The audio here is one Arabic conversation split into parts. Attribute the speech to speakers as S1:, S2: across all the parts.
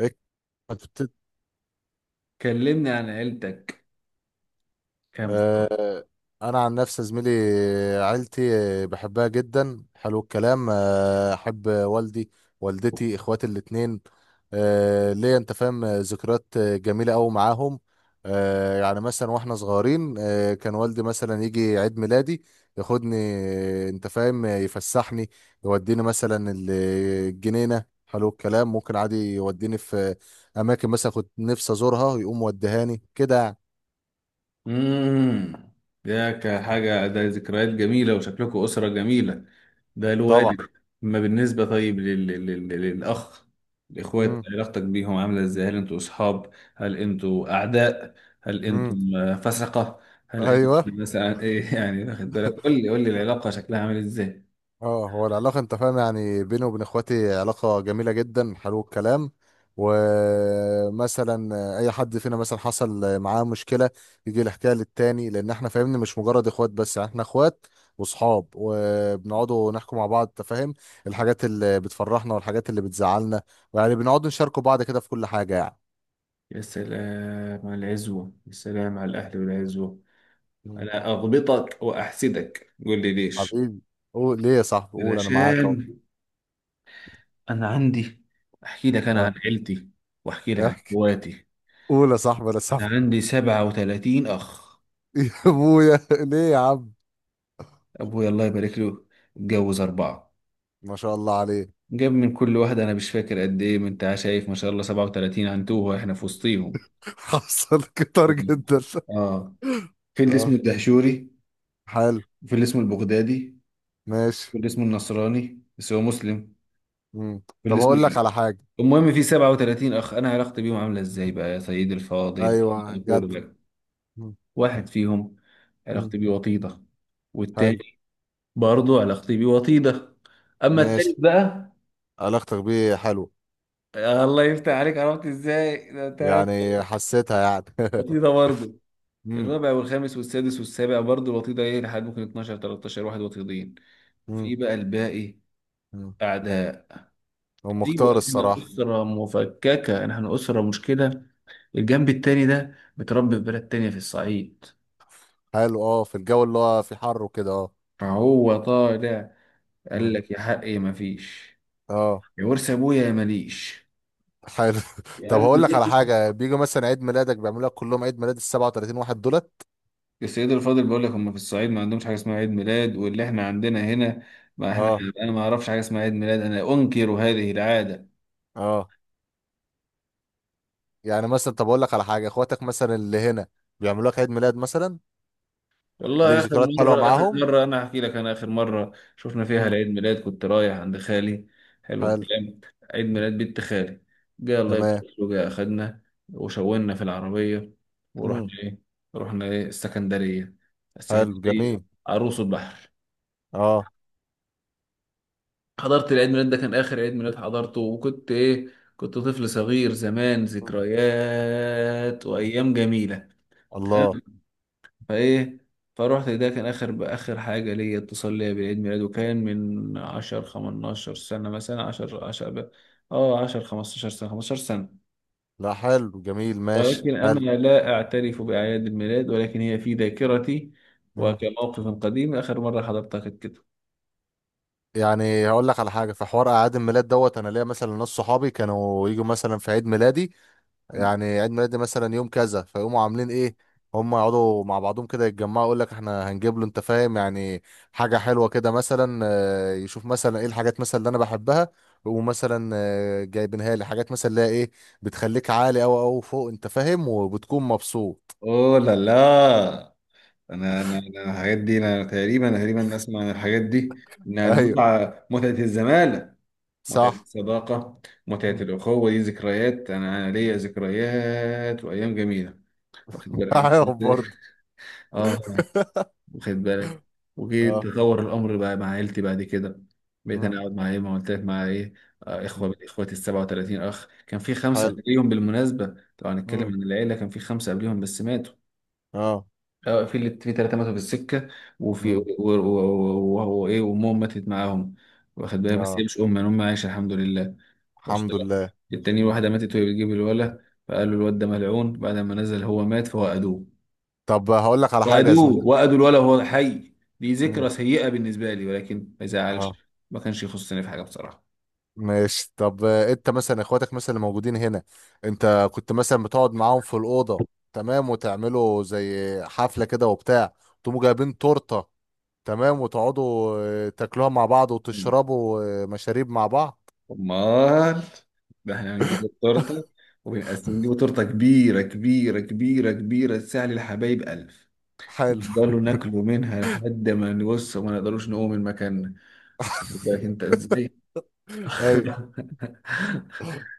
S1: إيه، كانت.
S2: كلمني عن عيلتك، كام فرد؟
S1: آه، انا عن نفسي زميلي عيلتي. بحبها جدا، حلو الكلام. احب والدي، والدتي، اخواتي الاتنين. ليا، انت فاهم، ذكريات جميله قوي معاهم. يعني مثلا واحنا صغيرين كان والدي مثلا يجي عيد ميلادي ياخدني، انت فاهم، يفسحني، يوديني مثلا الجنينه، حلو الكلام، ممكن عادي يوديني في اماكن مثلا كنت نفسي ازورها، يقوم وديهاني كده يعني.
S2: امم، ده كحاجة، ده ذكريات جميلة وشكلكم أسرة جميلة. ده الوالد.
S1: طبعا.
S2: أما بالنسبة طيب للأخ الإخوات،
S1: امم.
S2: علاقتك بيهم عاملة إزاي؟ هل أنتوا أصحاب؟ هل أنتوا أعداء؟ هل
S1: امم.
S2: أنتم فسقة؟ هل أنتم
S1: ايوه.
S2: مثلا إيه يعني، واخد بالك؟ قول لي العلاقة شكلها عامل إزاي.
S1: اه، هو العلاقه، انت فاهم، يعني بيني وبين اخواتي علاقه جميله جدا، حلو الكلام. ومثلا اي حد فينا مثلا حصل معاه مشكله يجي يحكيها للتاني، لان احنا فاهمني مش مجرد اخوات بس، يعني احنا اخوات واصحاب، وبنقعدوا نحكوا مع بعض، انت فاهم، الحاجات اللي بتفرحنا والحاجات اللي بتزعلنا، ويعني بنقعد نشاركوا بعض كده في كل حاجه يعني.
S2: يا سلام على العزوة، يا سلام على الأهل والعزوة.
S1: مم.
S2: أنا أغبطك وأحسدك، قول لي ليش.
S1: حبيبي، قول ليه يا صاحبي. قول انا معاك اهو.
S2: علشان أنا عندي، أحكي لك أنا عن
S1: اه.
S2: عيلتي وأحكي لك عن
S1: احكي،
S2: إخواتي.
S1: قول يا صاحبي، انا
S2: أنا
S1: صاحبي.
S2: عندي 37 أخ.
S1: يا ابويا، ليه يا عم؟
S2: أبوي الله يبارك له اتجوز أربعة،
S1: ما شاء الله عليه.
S2: جاب من كل واحدة أنا مش فاكر قد إيه، ما أنت شايف، ما شاء الله 37 عنتوه إحنا في وسطيهم.
S1: حصل كتر جدا.
S2: آه، في اللي اسمه
S1: اه.
S2: الدهشوري،
S1: حلو.
S2: في اللي اسمه البغدادي،
S1: ماشي.
S2: في اللي اسمه النصراني بس هو مسلم،
S1: مم.
S2: في اللي
S1: طب
S2: اسمه،
S1: هقول لك على حاجة.
S2: المهم في 37 اخ. انا علاقتي بيهم عامله ازاي بقى يا سيدي الفاضل؟
S1: ايوه جد.
S2: اقول لك.
S1: مم.
S2: واحد فيهم
S1: مم.
S2: علاقتي بيه وطيده،
S1: حلو.
S2: والتاني برضه علاقتي بيه وطيده، اما التالت
S1: ماشي.
S2: بقى،
S1: علاقتك بيه حلوة.
S2: الله يفتح عليك، عرفت ازاي؟ ده تمام،
S1: يعني حسيتها يعني.
S2: وطيده برضه.
S1: مم.
S2: الرابع والخامس والسادس والسابع برضه الوطيده، ايه لحد ممكن 12 13 واحد وطيدين.
S1: مم.
S2: في بقى الباقي
S1: مم.
S2: اعداء.
S1: هو
S2: ايوه،
S1: مختار
S2: احنا
S1: الصراحة.
S2: اسره مفككه، احنا اسره مشكله. الجنب التاني ده متربي في بلد تانية في الصعيد،
S1: حلو، اه، في الجو اللي هو في حر وكده، اه.
S2: فهو طالع قال
S1: مم.
S2: لك يا حقي مفيش،
S1: اه.
S2: يا ورث ابويا يا ماليش.
S1: حلو.
S2: يا
S1: طب
S2: قلب
S1: هقول لك على
S2: بيتي،
S1: حاجة، بيجوا مثلا عيد ميلادك بيعملوا لك كلهم عيد ميلاد ال 37 واحد دولت؟
S2: السيد الفاضل بيقول لك هم في الصعيد ما عندهمش حاجه اسمها عيد ميلاد واللي احنا عندنا هنا. ما احنا،
S1: اه.
S2: انا ما اعرفش حاجه اسمها عيد ميلاد، انا انكر هذه العاده.
S1: اه يعني مثلا، طب اقول لك على حاجه، اخواتك مثلا اللي هنا بيعملوا لك عيد ميلاد مثلا؟ ليك
S2: والله آخر
S1: ذكريات حلوه
S2: مرة، آخر
S1: معاهم.
S2: مرة أنا هحكي لك، أنا آخر مرة شفنا فيها
S1: امم.
S2: العيد ميلاد كنت رايح عند خالي. حلو
S1: حلو.
S2: الكلام، عيد ميلاد بنت خالي. جه الله يبارك
S1: تمام.
S2: له، جه أخدنا، وشونا في العربية ورحنا
S1: امم.
S2: إيه، رحنا إيه، السكندرية،
S1: حلو
S2: السكندرية،
S1: جميل.
S2: عروس البحر.
S1: اه.
S2: حضرت العيد ميلاد، ده كان آخر عيد ميلاد حضرته، وكنت إيه، كنت طفل صغير زمان،
S1: مم.
S2: ذكريات
S1: مم.
S2: وأيام جميلة.
S1: الله.
S2: تمام. فايه، فروحت، ده كان اخر اخر حاجه ليا، اتصال ليا بالعيد ميلاد، وكان من 10 15 سنه، مثلا 10 10 15 سنه، 15 سنه.
S1: لا، حلو جميل، ماشي،
S2: ولكن انا
S1: حلو.
S2: لا اعترف باعياد الميلاد، ولكن هي في ذاكرتي
S1: مم.
S2: وكموقف قديم، اخر مره حضرتها كانت كده.
S1: يعني هقول لك على حاجه، في حوار اعياد الميلاد دوت، انا ليا مثلا ناس صحابي كانوا يجوا مثلا في عيد ميلادي، يعني عيد ميلادي مثلا يوم كذا، فيقوموا عاملين ايه؟ هم يقعدوا مع بعضهم كده يتجمعوا، يقول لك احنا هنجيب له، انت فاهم، يعني حاجه حلوه كده، مثلا يشوف مثلا ايه الحاجات مثلا اللي انا بحبها. ومثلا جايبينها لي حاجات مثلا اللي هي ايه بتخليك عالي او فوق، انت فاهم، وبتكون مبسوط.
S2: اوه لا لا، انا الحاجات دي انا تقريبا اسمع عن الحاجات دي، انها
S1: ايوه.
S2: المتعه، متعه الزمالة، متعة
S1: صح.
S2: الصداقة، متعة
S1: مم.
S2: الأخوة. دي ذكريات، أنا ليا
S1: مم.
S2: ذكريات وأيام جميلة، واخد بالك أنت
S1: عارف
S2: إزاي؟
S1: برضه.
S2: آه، واخد بالك. وجيت
S1: اه.
S2: تطور الأمر بقى مع عيلتي بعد كده، بقيت
S1: مم.
S2: أنا أقعد مع إيه، ما قلت لك، مع إيه، إخوة من
S1: مم.
S2: إخواتي ال 37 أخ. كان في خمسة
S1: حلو.
S2: قبليهم بالمناسبة، طبعا
S1: مم.
S2: هنتكلم عن العيلة، كان في خمسة قبليهم بس ماتوا.
S1: اه.
S2: اه، في اللي، في ثلاثة ماتوا في السكة، وفي
S1: مم.
S2: وهو ايه، وامهم ماتت معاهم. واخد بالك، بس هي
S1: اه.
S2: مش امه، يعني امها عايشة الحمد لله. وصلت
S1: الحمد
S2: لك؟
S1: لله.
S2: التانية،
S1: مم.
S2: واحدة ماتت وهي بتجيب الولا، فقالوا الواد ده ملعون، بعد ما نزل هو مات فوأدوه.
S1: طب هقول لك على حاجه يا زميلي.
S2: وأدوه، وأدوا الولا وهو حي. دي ذكرى سيئة بالنسبة لي، ولكن ما يزعلش،
S1: اه.
S2: ما كانش يخصني في حاجة بصراحة.
S1: ماشي. طب انت مثلا اخواتك مثلا اللي موجودين هنا، انت كنت مثلا بتقعد معاهم في الأوضة، تمام، وتعملوا زي حفلة كده وبتاع، تقوموا جايبين تورتة، تمام، وتقعدوا تاكلوها مع بعض، وتشربوا مشاريب مع بعض.
S2: أمال، ده احنا هنجيب التورتة وبنقسم، نجيب تورتة كبيرة كبيرة كبيرة كبيرة، تساعد الحبايب ألف،
S1: حلو.
S2: نفضلوا ناكلوا منها لحد ما نبص وما نقدروش نقوم من مكاننا. خد بالك انت ازاي.
S1: ايوه.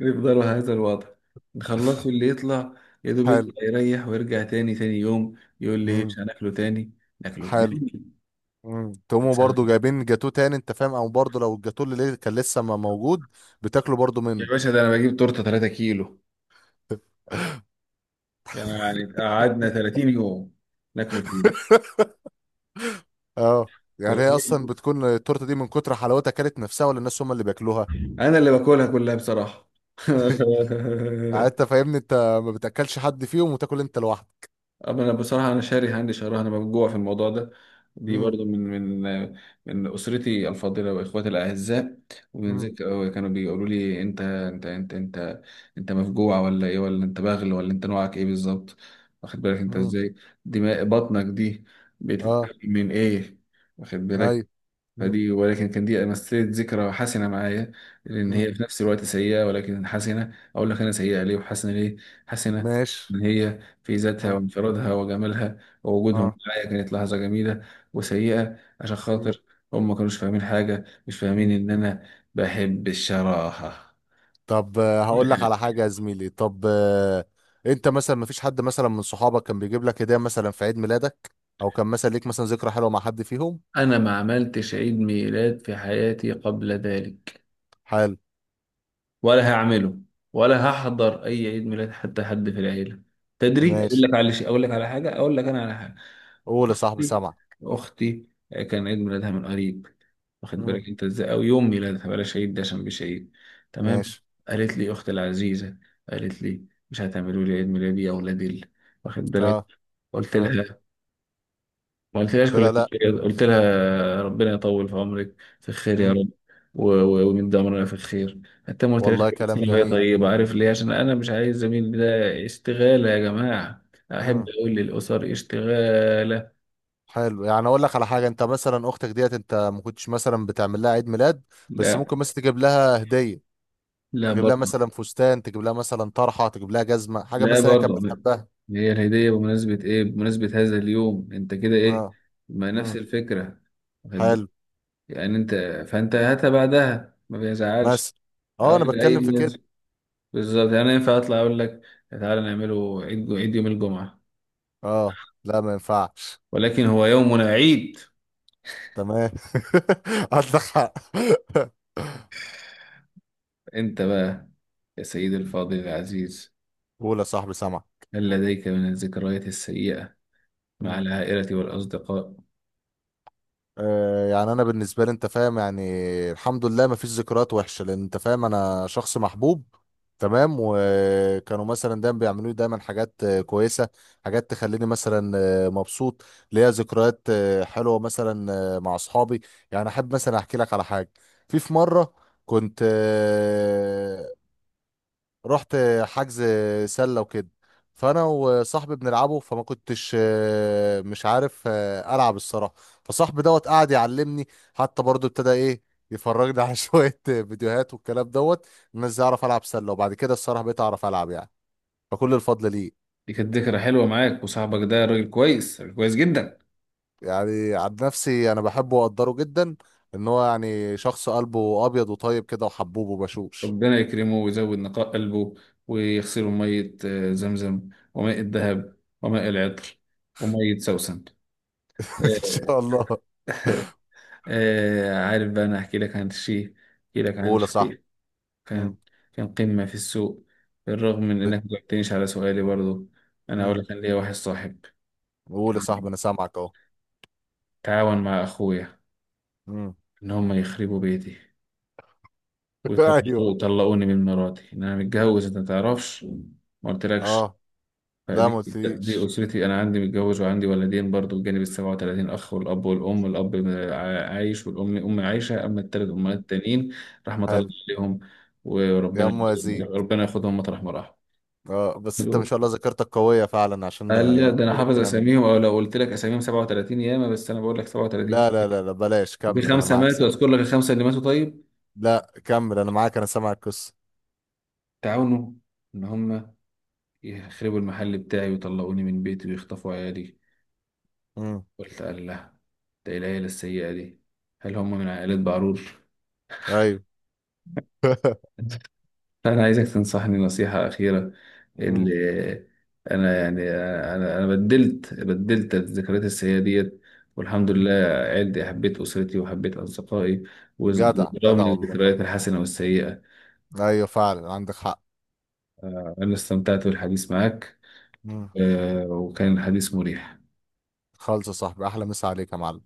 S2: يفضلوا هذا الوضع، نخلصوا اللي يطلع يا دوب
S1: حلو.
S2: يطلع يريح ويرجع تاني، تاني يوم يقول لي مش
S1: امم.
S2: هناكله تاني، ناكله تاني.
S1: حلو. امم. تقوموا برضو جايبين جاتوه تاني، انت فاهم، او برضو لو الجاتوه اللي كان لسه ما موجود، بتاكلوا برضو
S2: يا
S1: منه.
S2: باشا، ده انا بجيب تورته 3 كيلو، يعني قعدنا 30 يوم ناكله فين؟
S1: اه،
S2: ولا
S1: يعني هي اصلا
S2: كيلو؟
S1: بتكون التورته دي من كتر حلاوتها كانت نفسها، ولا الناس هم اللي بياكلوها؟
S2: انا اللي باكلها كلها بصراحه.
S1: يعني انت فاهمني، انت ما بتاكلش حد فيهم وتاكل انت لوحدك.
S2: أما أنا بصراحة، أنا شاري هاندي شهرها، أنا مفجوع في الموضوع ده. دي
S1: امم.
S2: برضو من من أسرتي الفاضلة وإخواتي الأعزاء، ومن
S1: امم.
S2: ذكر كانوا بيقولوا لي: أنت أنت أنت أنت، أنت مفجوع ولا إيه، ولا أنت باغل، ولا أنت نوعك إيه بالظبط؟ واخد بالك أنت
S1: امم.
S2: إزاي؟ دماء بطنك دي
S1: اه.
S2: بتتكلم من إيه؟ واخد
S1: ايوه.
S2: بالك.
S1: امم.
S2: فدي، ولكن كان دي مثلت ذكرى حسنة معايا، لأن هي
S1: امم.
S2: في نفس الوقت سيئة، ولكن حسنة. أقول لك أنا سيئة ليه وحسنة ليه. حسنة
S1: ماشي.
S2: إن هي في ذاتها
S1: اه.
S2: وانفرادها وجمالها، ووجودهم
S1: اه.
S2: معايا كانت لحظة جميلة. وسيئة عشان
S1: امم.
S2: خاطر هم ما كانوش فاهمين حاجة، مش فاهمين
S1: امم.
S2: إن أنا بحب الشراهة.
S1: طب هقول لك على حاجه يا زميلي. طب انت مثلا ما فيش حد مثلا من صحابك كان بيجيب لك هديه مثلا في عيد ميلادك، او كان مثلا ليك مثلا ذكرى حلوه مع حد فيهم؟
S2: أنا ما عملتش عيد ميلاد في حياتي قبل ذلك،
S1: حلو.
S2: ولا هعمله، ولا هحضر اي عيد ميلاد، حتى حد في العيله. تدري،
S1: ماشي.
S2: اقول لك انا على حاجه.
S1: قول يا صاحبي
S2: اختي
S1: سامع.
S2: اختي كان عيد ميلادها من قريب، واخد
S1: امم.
S2: بالك انت ازاي، او يوم ميلادها، بلاش عيد ده عشان مش عيد. تمام،
S1: ماشي.
S2: قالت لي اختي العزيزه، قالت لي: مش هتعملوا لي عيد ميلادي يا اولاد ال-، واخد
S1: اه.
S2: بالك. قلت
S1: اه.
S2: لها، ما قلتلهاش
S1: لا
S2: كل
S1: لا لا.
S2: شيء، قلت لها ربنا يطول في عمرك، في خير يا
S1: امم.
S2: رب، ويمد عمرنا في الخير. حتى ما قلتلهاش
S1: والله
S2: كل سنة
S1: كلام
S2: وهي
S1: جميل.
S2: طيبة. عارف ليه؟ عشان أنا مش عايز زميلي ده اشتغالة، يا جماعة أحب
S1: مم.
S2: أقول للأسر اشتغالة.
S1: حلو، يعني اقول لك على حاجه، انت مثلا اختك ديت انت ما كنتش مثلا بتعمل لها عيد ميلاد، بس
S2: لا،
S1: ممكن مثلا تجيب لها هديه،
S2: لا
S1: تجيب لها
S2: برضه،
S1: مثلا فستان، تجيب لها مثلا طرحه، تجيب لها جزمه، حاجه
S2: لا
S1: مثلا هي كانت
S2: برضه.
S1: بتحبها.
S2: هي الهدية بمناسبة إيه، بمناسبة هذا اليوم، أنت كده إيه،
S1: اه.
S2: ما نفس
S1: امم.
S2: الفكرة، واخد بالك؟
S1: حلو.
S2: يعني أنت، فأنت هاتها بعدها ما بيزعلش.
S1: مثلا. اه، انا
S2: أي
S1: بتكلم في كده.
S2: بالظبط، يعني أنا ينفع اطلع اقول لك تعالى نعمله عيد، عيد يوم الجمعة؟
S1: اه. لا، ما ينفعش.
S2: ولكن هو يومنا عيد.
S1: تمام. عندك حق.
S2: انت بقى يا سيدي الفاضل العزيز،
S1: قول يا صاحبي سامع.
S2: هل لديك من الذكريات السيئة مع العائلة والأصدقاء؟
S1: يعني انا بالنسبه لي، انت فاهم، يعني الحمد لله ما فيش ذكريات وحشه، لان انت فاهم انا شخص محبوب، تمام، وكانوا مثلا دايما بيعملوا لي دايما حاجات كويسه، حاجات تخليني مثلا مبسوط. ليا ذكريات حلوه مثلا مع اصحابي، يعني احب مثلا احكي لك على حاجه. في مره كنت رحت حجز سله وكده، فانا وصاحبي بنلعبه، فما كنتش مش عارف العب الصراحه، فصاحبي دوت قعد يعلمني، حتى برضو ابتدى ايه يفرجني على شويه فيديوهات والكلام دوت، ان ازاي اعرف العب سله، وبعد كده الصراحه بقيت اعرف العب يعني، فكل الفضل ليه.
S2: دي كانت ذكرى حلوة معاك، وصاحبك ده راجل كويس، راجل كويس جدا.
S1: يعني عن نفسي انا بحبه واقدره جدا، ان هو يعني شخص قلبه ابيض وطيب كده وحبوب وبشوش.
S2: ربنا يكرمه ويزود نقاء قلبه، ويغسله مية زمزم وماء الذهب وماء العطر ومية سوسن.
S1: ان شاء الله.
S2: عارف بقى، أنا أحكي لك عن الشيء، أحكي لك عن
S1: قول يا صاحبي.
S2: الشيء.
S1: مم.
S2: كان كان قمة في السوق، بالرغم من
S1: ب-
S2: إنك مجاوبتنيش على سؤالي برضو. أنا أقول
S1: مم.
S2: لك، أنا ليا واحد صاحب
S1: قول يا صاحبي انا سامعك
S2: تعاون مع أخويا،
S1: اهو.
S2: إن هم يخربوا بيتي
S1: ايوه.
S2: ويطلقوني من مراتي. إن أنا متجوز أنت متعرفش، ما قلتلكش.
S1: اه. لا، ما
S2: فدي
S1: قلتليش.
S2: أسرتي، أنا عندي، متجوز وعندي ولدين برضو، بجانب السبعة وتلاتين أخ والأب والأم. الأب عايش، والأم أم عايشة. أما التلات
S1: م.
S2: أمهات التانيين، رحمة الله
S1: حلو.
S2: عليهم.
S1: يا
S2: وربنا،
S1: ام يزيد.
S2: ربنا ياخدهم مطرح ما راحوا.
S1: اه، بس انت ما شاء الله ذاكرتك قوية فعلا عشان
S2: قال لي، ده انا
S1: تقول
S2: حافظ
S1: الكلام ده.
S2: اساميهم، او لو قلت لك اساميهم 37 ياما، بس انا بقول لك 37
S1: لا لا
S2: كتير،
S1: لا لا، بلاش،
S2: وفي
S1: كمل انا
S2: خمسه
S1: معاك
S2: ماتوا.
S1: سامع.
S2: اذكر لك الخمسه اللي ماتوا؟ طيب.
S1: لا، كمل انا معاك، انا سامع القصة.
S2: تعاونوا ان هم يخربوا المحل بتاعي، ويطلعوني من بيتي، ويخطفوا عيالي.
S1: امم.
S2: قلت الله، ده إيه العيله السيئه دي، هل هم من عائلات بعرور؟
S1: ايوه.
S2: فأنا عايزك تنصحني نصيحة أخيرة، اللي
S1: امم.
S2: أنا يعني، أنا بدلت الذكريات السيئة ديت. والحمد لله
S1: أمم.
S2: عيلتي، حبيت أسرتي وحبيت أصدقائي،
S1: جدع
S2: برغم
S1: جدع والله.
S2: الذكريات الحسنة والسيئة،
S1: ايوه فعلا عندك حق.
S2: أنا استمتعت بالحديث معك،
S1: امم.
S2: وكان الحديث مريح.
S1: خالص يا صاحبي، احلى مسا عليك يا معلم.